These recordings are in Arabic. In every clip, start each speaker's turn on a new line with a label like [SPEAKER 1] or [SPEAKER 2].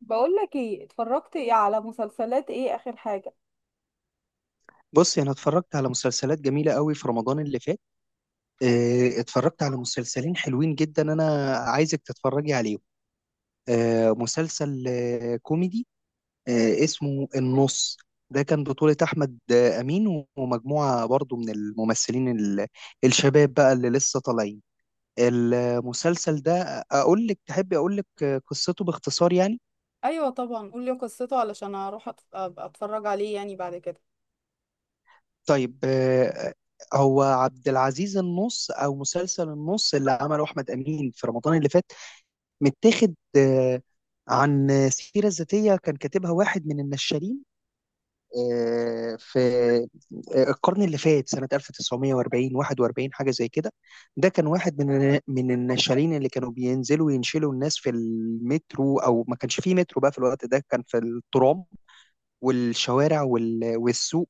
[SPEAKER 1] بقول لك ايه، اتفرجت ايه على مسلسلات، ايه اخر حاجة؟
[SPEAKER 2] بصي انا اتفرجت على مسلسلات جميله قوي في رمضان اللي فات. اتفرجت على مسلسلين حلوين جدا، انا عايزك تتفرجي عليهم. مسلسل كوميدي، اسمه النص. ده كان بطولة أحمد أمين ومجموعة برضو من الممثلين الشباب بقى اللي لسه طالعين. المسلسل ده أقول لك، تحبي أقول لك قصته باختصار يعني؟
[SPEAKER 1] ايوه طبعا، قول لي قصته علشان اروح أبقى اتفرج عليه يعني بعد كده.
[SPEAKER 2] طيب، هو عبد العزيز النص أو مسلسل النص اللي عمله أحمد أمين في رمضان اللي فات، متاخد عن سيرة ذاتية كان كاتبها واحد من النشالين في القرن اللي فات سنة 1940، 41، حاجة زي كده. ده كان واحد من النشالين اللي كانوا بينزلوا ينشلوا الناس في المترو، أو ما كانش فيه مترو بقى في الوقت ده، كان في الترام والشوارع والسوق.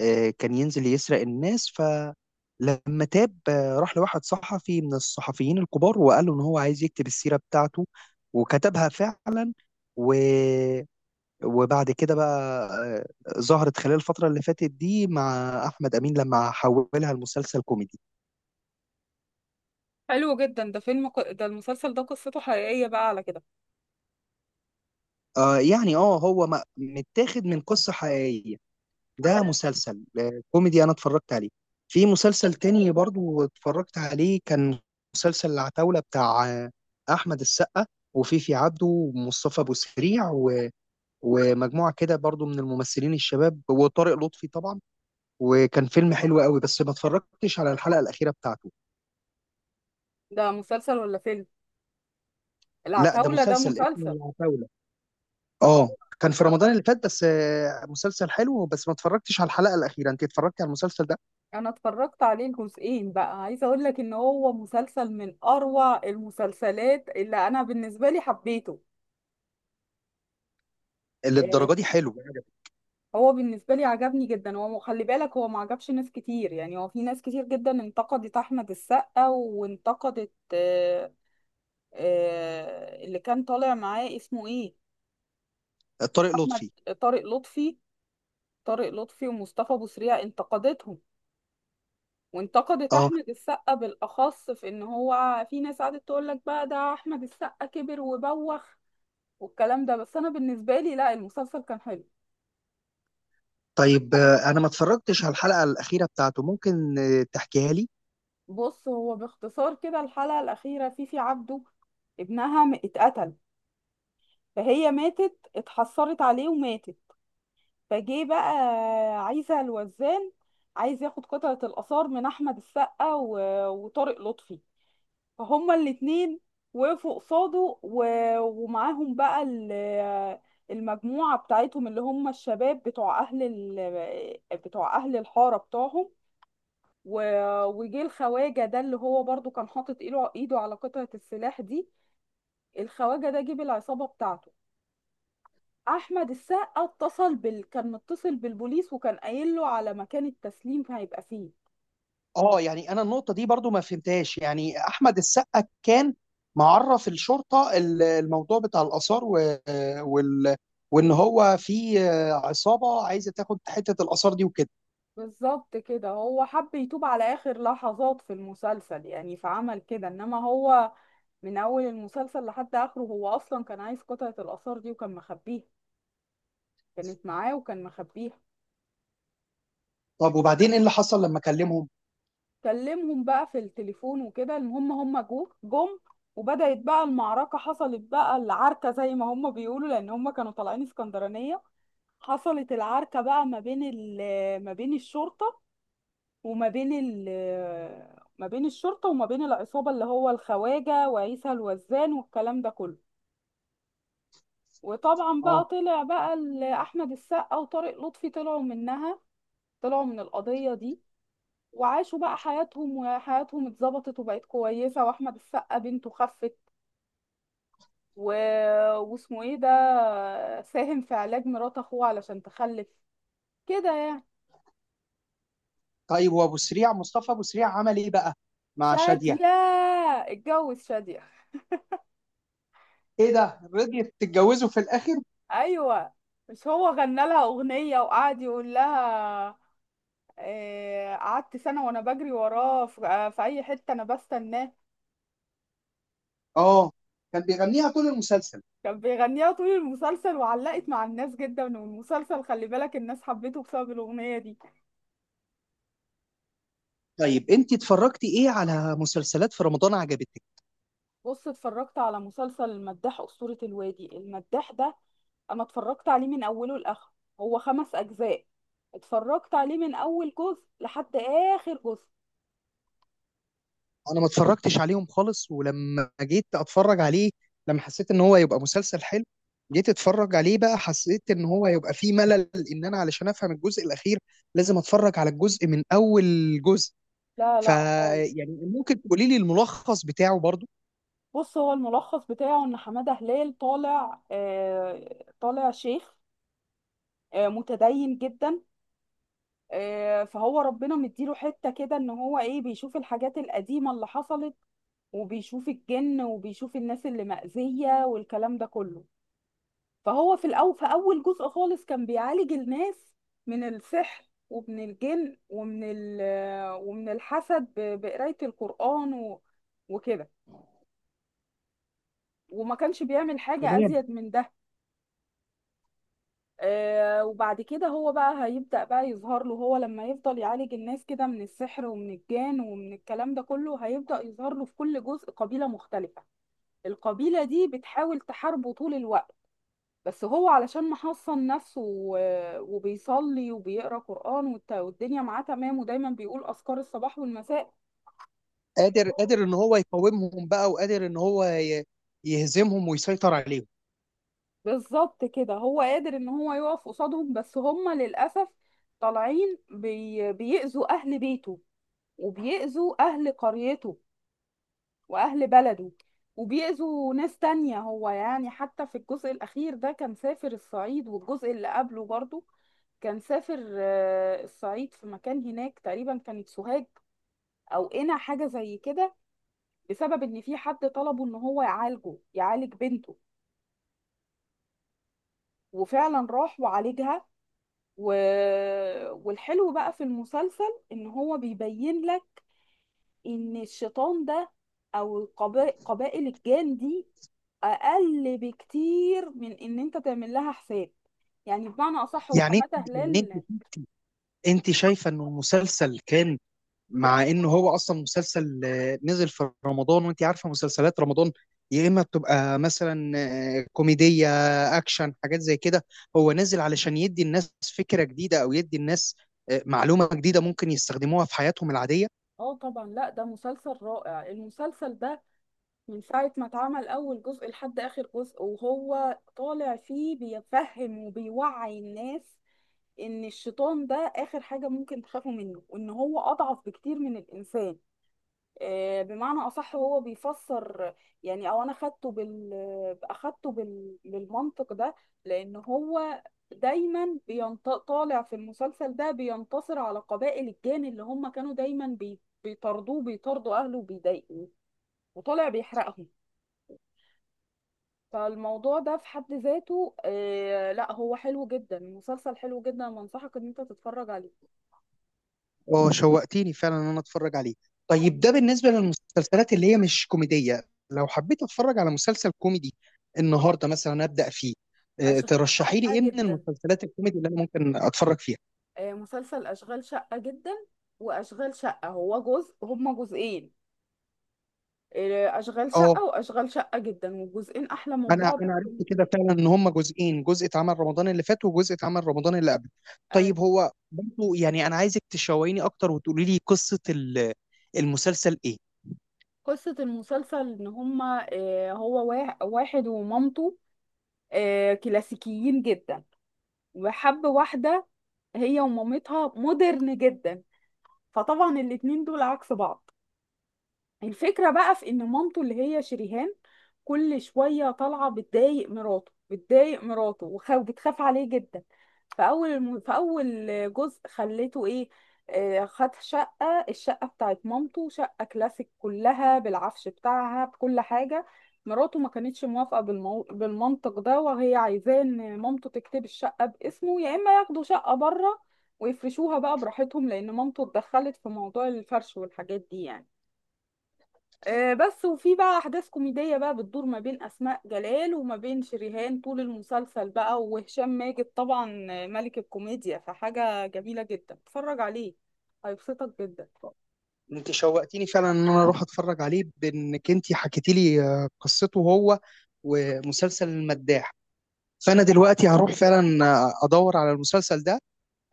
[SPEAKER 2] كان ينزل يسرق الناس، فلما تاب راح لواحد صحفي من الصحفيين الكبار وقال له ان هو عايز يكتب السيرة بتاعته، وكتبها فعلا. و... وبعد كده بقى ظهرت خلال الفترة اللي فاتت دي مع أحمد أمين لما حولها لمسلسل كوميدي.
[SPEAKER 1] حلو جدا. ده المسلسل ده قصته حقيقية بقى على كده.
[SPEAKER 2] آه يعني اه، هو متاخد من قصة حقيقية. ده
[SPEAKER 1] حلو.
[SPEAKER 2] مسلسل كوميدي انا اتفرجت عليه. في مسلسل تاني برضو اتفرجت عليه، كان مسلسل العتاولة بتاع احمد السقا وفيفي عبده ومصطفى ابو سريع ومجموعة كده برضو من الممثلين الشباب وطارق لطفي طبعا. وكان فيلم حلو قوي، بس ما اتفرجتش على الحلقة الأخيرة بتاعته.
[SPEAKER 1] ده مسلسل ولا فيلم؟
[SPEAKER 2] لا، ده
[SPEAKER 1] العتاولة ده
[SPEAKER 2] مسلسل اسمه
[SPEAKER 1] مسلسل.
[SPEAKER 2] العتاولة، اه. كان في رمضان اللي فات، بس مسلسل حلو، بس ما اتفرجتش على الحلقة الأخيرة. انت اتفرجتي على المسلسل ده؟
[SPEAKER 1] انا اتفرجت عليه الجزئين، بقى عايزة اقول لك ان هو مسلسل من اروع المسلسلات اللي انا بالنسبة لي حبيته.
[SPEAKER 2] اللي
[SPEAKER 1] آه،
[SPEAKER 2] الدرجة دي حلو؟
[SPEAKER 1] هو بالنسبة لي عجبني جدا. هو خلي بالك، هو ما عجبش ناس كتير، يعني هو في ناس كتير جدا انتقدت أحمد السقا، وانتقدت اللي كان طالع معاه اسمه ايه.
[SPEAKER 2] طارق
[SPEAKER 1] أحمد
[SPEAKER 2] لطفي.
[SPEAKER 1] طارق لطفي طارق لطفي ومصطفى بوسريع انتقدتهم. وانتقدت
[SPEAKER 2] اه،
[SPEAKER 1] أحمد السقا بالأخص، في إن هو في ناس قعدت تقول لك بقى ده أحمد السقا كبر وبوخ والكلام ده. بس أنا بالنسبة لي لا، المسلسل كان حلو.
[SPEAKER 2] طيب، انا ما اتفرجتش على الحلقه الاخيره بتاعته، ممكن تحكيها لي؟
[SPEAKER 1] بص، هو باختصار كده الحلقة الأخيرة فيفي عبده ابنها اتقتل، فهي ماتت، اتحسرت عليه وماتت. فجه بقى عايزة الوزان، عايز ياخد قطعة الآثار من أحمد السقا وطارق لطفي. فهما الاتنين وقفوا قصاده ومعاهم بقى المجموعة بتاعتهم، اللي هم الشباب بتوع أهل الحارة بتوعهم. وجه الخواجة ده، اللي هو برضو كان حاطط ايده على قطعة السلاح دي. الخواجة ده جه بالعصابة بتاعته. احمد السقا كان متصل بالبوليس، وكان قايل له على مكان التسليم هيبقى فيه.
[SPEAKER 2] اه يعني انا النقطه دي برضو ما فهمتهاش. يعني احمد السقا كان معرف الشرطه الموضوع بتاع الاثار وال... وان هو في عصابه عايزه تاخد حته الاثار دي وكده.
[SPEAKER 1] بالظبط كده، هو حب يتوب على اخر لحظات في المسلسل يعني، فعمل كده. انما هو من اول المسلسل لحد اخره هو اصلا كان عايز قطعة الاثار دي وكان مخبيها، كانت معاه وكان مخبيها.
[SPEAKER 2] طب وبعدين ايه اللي حصل لما كلمهم؟
[SPEAKER 1] كلمهم بقى في التليفون وكده. المهم هم جم، وبدأت بقى المعركة، حصلت بقى العركة زي ما هم بيقولوا، لأن هم كانوا طالعين اسكندرانية. حصلت العركة بقى ما بين الشرطة، وما بين ال ما بين الشرطة وما بين العصابة، اللي هو الخواجة وعيسى الوزان والكلام ده كله. وطبعا بقى
[SPEAKER 2] اه.
[SPEAKER 1] طلع بقى أحمد السقا وطارق لطفي طلعوا منها، طلعوا من القضية دي، وعاشوا بقى حياتهم، وحياتهم اتظبطت وبقت كويسة، واحمد السقا بنته خفت و... واسمه ايه ده، ساهم في علاج مرات اخوه علشان تخلف، كده يعني.
[SPEAKER 2] طيب وابو سريع، مصطفى ابو سريع عمل ايه بقى مع شاديه؟
[SPEAKER 1] شادية، اتجوز شادية.
[SPEAKER 2] ايه ده، رضيت تتجوزه في الاخر؟
[SPEAKER 1] ايوه، مش هو غنى لها اغنية وقعد يقول لها، قعدت سنة وانا بجري وراه في، في اي حتة انا بستناه.
[SPEAKER 2] اه، كان بيغنيها طول المسلسل.
[SPEAKER 1] كان بيغنيها طول المسلسل وعلقت مع الناس جدا، والمسلسل خلي بالك الناس حبيته بسبب الاغنية دي.
[SPEAKER 2] طيب انت اتفرجتي ايه على مسلسلات في رمضان عجبتك؟
[SPEAKER 1] بص، اتفرجت على مسلسل المداح أسطورة الوادي. المداح ده أنا اتفرجت عليه من أوله لآخره، هو خمس أجزاء. اتفرجت عليه من أول جزء لحد آخر جزء.
[SPEAKER 2] انا ما اتفرجتش عليهم خالص، ولما جيت اتفرج عليه، لما حسيت ان هو يبقى مسلسل حلو، جيت اتفرج عليه بقى، حسيت ان هو يبقى فيه ملل، ان انا علشان افهم الجزء الاخير لازم اتفرج على الجزء من اول جزء.
[SPEAKER 1] لا
[SPEAKER 2] ف
[SPEAKER 1] لا خالص.
[SPEAKER 2] يعني ممكن تقولي لي الملخص بتاعه برضو؟
[SPEAKER 1] بص، هو الملخص بتاعه إن حمادة هلال طالع، آه، طالع شيخ، آه، متدين جدا. آه، فهو ربنا مديله حتة كده، إن هو إيه، بيشوف الحاجات القديمة اللي حصلت، وبيشوف الجن وبيشوف الناس اللي مأذية والكلام ده كله. فهو في الأول، في أول جزء خالص، كان بيعالج الناس من السحر ومن الجن ومن الحسد، بقراية القرآن وكده، وما كانش بيعمل حاجة
[SPEAKER 2] تمام.
[SPEAKER 1] أزيد من ده. آه، وبعد كده هو بقى هيبدأ بقى يظهر له. هو لما يفضل يعالج الناس كده من السحر ومن الجان ومن الكلام ده كله، هيبدأ يظهر له في كل جزء قبيلة مختلفة، القبيلة دي بتحاول تحاربه طول الوقت. بس هو علشان محصن نفسه وبيصلي وبيقرا قرآن والدنيا معاه تمام، ودايما بيقول أذكار الصباح والمساء.
[SPEAKER 2] قادر، ان هو يقاومهم بقى، وقادر ان هو يهزمهم ويسيطر عليهم.
[SPEAKER 1] بالظبط كده، هو قادر ان هو يقف قصادهم. بس هم للأسف طالعين بيأذوا أهل بيته، وبيأذوا أهل قريته وأهل بلده، وبيأذوا ناس تانية. هو يعني حتى في الجزء الأخير ده كان سافر الصعيد، والجزء اللي قبله برضو كان سافر، الصعيد، في مكان هناك تقريبا كانت سوهاج اوقنا، حاجه زي كده. بسبب ان في حد طلبه ان هو يعالجه، يعالج بنته، وفعلا راح وعالجها. و... والحلو بقى في المسلسل ان هو بيبين لك ان الشيطان ده، او قبائل الجان دي، اقل بكتير من ان انت تعمل لها حساب، يعني بمعنى اصح.
[SPEAKER 2] يعني انت
[SPEAKER 1] وحماده
[SPEAKER 2] يعني انت
[SPEAKER 1] هلال،
[SPEAKER 2] انت شايفه انه المسلسل كان، مع ان هو اصلا مسلسل نزل في رمضان، وانت عارفه مسلسلات رمضان يا اما بتبقى مثلا كوميديه، اكشن، حاجات زي كده. هو نزل علشان يدي الناس فكره جديده، او يدي الناس معلومه جديده ممكن يستخدموها في حياتهم العاديه.
[SPEAKER 1] اه طبعا، لا ده مسلسل رائع. المسلسل ده من ساعة ما اتعمل أول جزء لحد آخر جزء وهو طالع فيه بيفهم وبيوعي الناس إن الشيطان ده آخر حاجة ممكن تخافوا منه، وإن هو أضعف بكتير من الإنسان. آه، بمعنى أصح، هو بيفسر يعني، أو أنا أخدته بالمنطق ده. لأن هو دايما طالع في المسلسل ده، بينتصر على قبائل الجان اللي هم كانوا دايما بيطاردوه، بيطاردوا أهله وبيضايقوه، وطالع بيحرقهم. فالموضوع ده في حد ذاته، آه لا، هو حلو جدا، المسلسل حلو جدا، وانصحك ان انت تتفرج عليه.
[SPEAKER 2] اه، شوقتيني فعلا ان انا اتفرج عليه. طيب ده بالنسبه للمسلسلات اللي هي مش كوميديه، لو حبيت اتفرج على مسلسل كوميدي النهارده مثلا ابدا فيه،
[SPEAKER 1] اشغال
[SPEAKER 2] ترشحي لي
[SPEAKER 1] شقة
[SPEAKER 2] ايه من
[SPEAKER 1] جدا.
[SPEAKER 2] المسلسلات الكوميدي اللي انا ممكن اتفرج فيها؟
[SPEAKER 1] آه، مسلسل اشغال شقة جدا. واشغال شقة، هو جزء، هما جزئين. آه، اشغال
[SPEAKER 2] اه،
[SPEAKER 1] شقة واشغال شقة جدا، والجزئين احلى من
[SPEAKER 2] انا
[SPEAKER 1] بعض
[SPEAKER 2] انا عرفت
[SPEAKER 1] وكوميدي
[SPEAKER 2] كده
[SPEAKER 1] جداً.
[SPEAKER 2] فعلا ان هم جزئين، جزء اتعمل رمضان اللي فات وجزء اتعمل رمضان اللي قبل.
[SPEAKER 1] آه،
[SPEAKER 2] طيب هو برضه، يعني انا عايزك تشوقيني اكتر وتقولي لي قصة المسلسل ايه.
[SPEAKER 1] قصة المسلسل ان هما، هو واحد ومامته، كلاسيكيين جدا، وحب واحدة هي ومامتها مودرن جدا. فطبعا الاتنين دول عكس بعض. الفكرة بقى في ان مامته اللي هي شريهان كل شوية طالعة بتضايق مراته وبتخاف عليه جدا. فأول جزء خليته ايه، خد شقة، الشقة بتاعت مامته شقة كلاسيك، كلها بالعفش بتاعها بكل حاجة. مراته ما كانتش موافقة بالمنطق ده، وهي عايزاه ان مامته تكتب الشقة باسمه، يا اما ياخدوا شقة بره ويفرشوها بقى براحتهم، لان مامته اتدخلت في موضوع الفرش والحاجات دي يعني. بس. وفي بقى احداث كوميديه بقى بتدور ما بين اسماء جلال وما بين شريهان طول المسلسل بقى، وهشام ماجد طبعا، ملك الكوميديا، فحاجه جميله جدا، اتفرج عليه هيبسطك جدا.
[SPEAKER 2] انت شوقتيني فعلا ان انا اروح اتفرج عليه بانك انت حكيتي لي قصته، هو ومسلسل المداح. فانا دلوقتي هروح فعلا ادور على المسلسل ده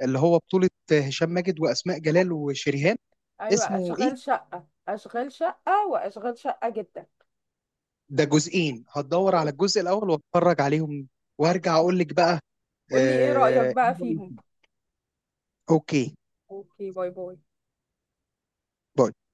[SPEAKER 2] اللي هو بطولة هشام ماجد واسماء جلال وشريهان.
[SPEAKER 1] ايوه،
[SPEAKER 2] اسمه ايه؟
[SPEAKER 1] اشغال شقه، اشغال شقه واشغال شقه جدا.
[SPEAKER 2] ده جزئين، هتدور على الجزء الاول واتفرج عليهم وارجع اقول لك بقى.
[SPEAKER 1] قولي ايه رايك
[SPEAKER 2] آه،
[SPEAKER 1] بقى فيهم.
[SPEAKER 2] اوكي،
[SPEAKER 1] اوكي، باي باي.
[SPEAKER 2] باي.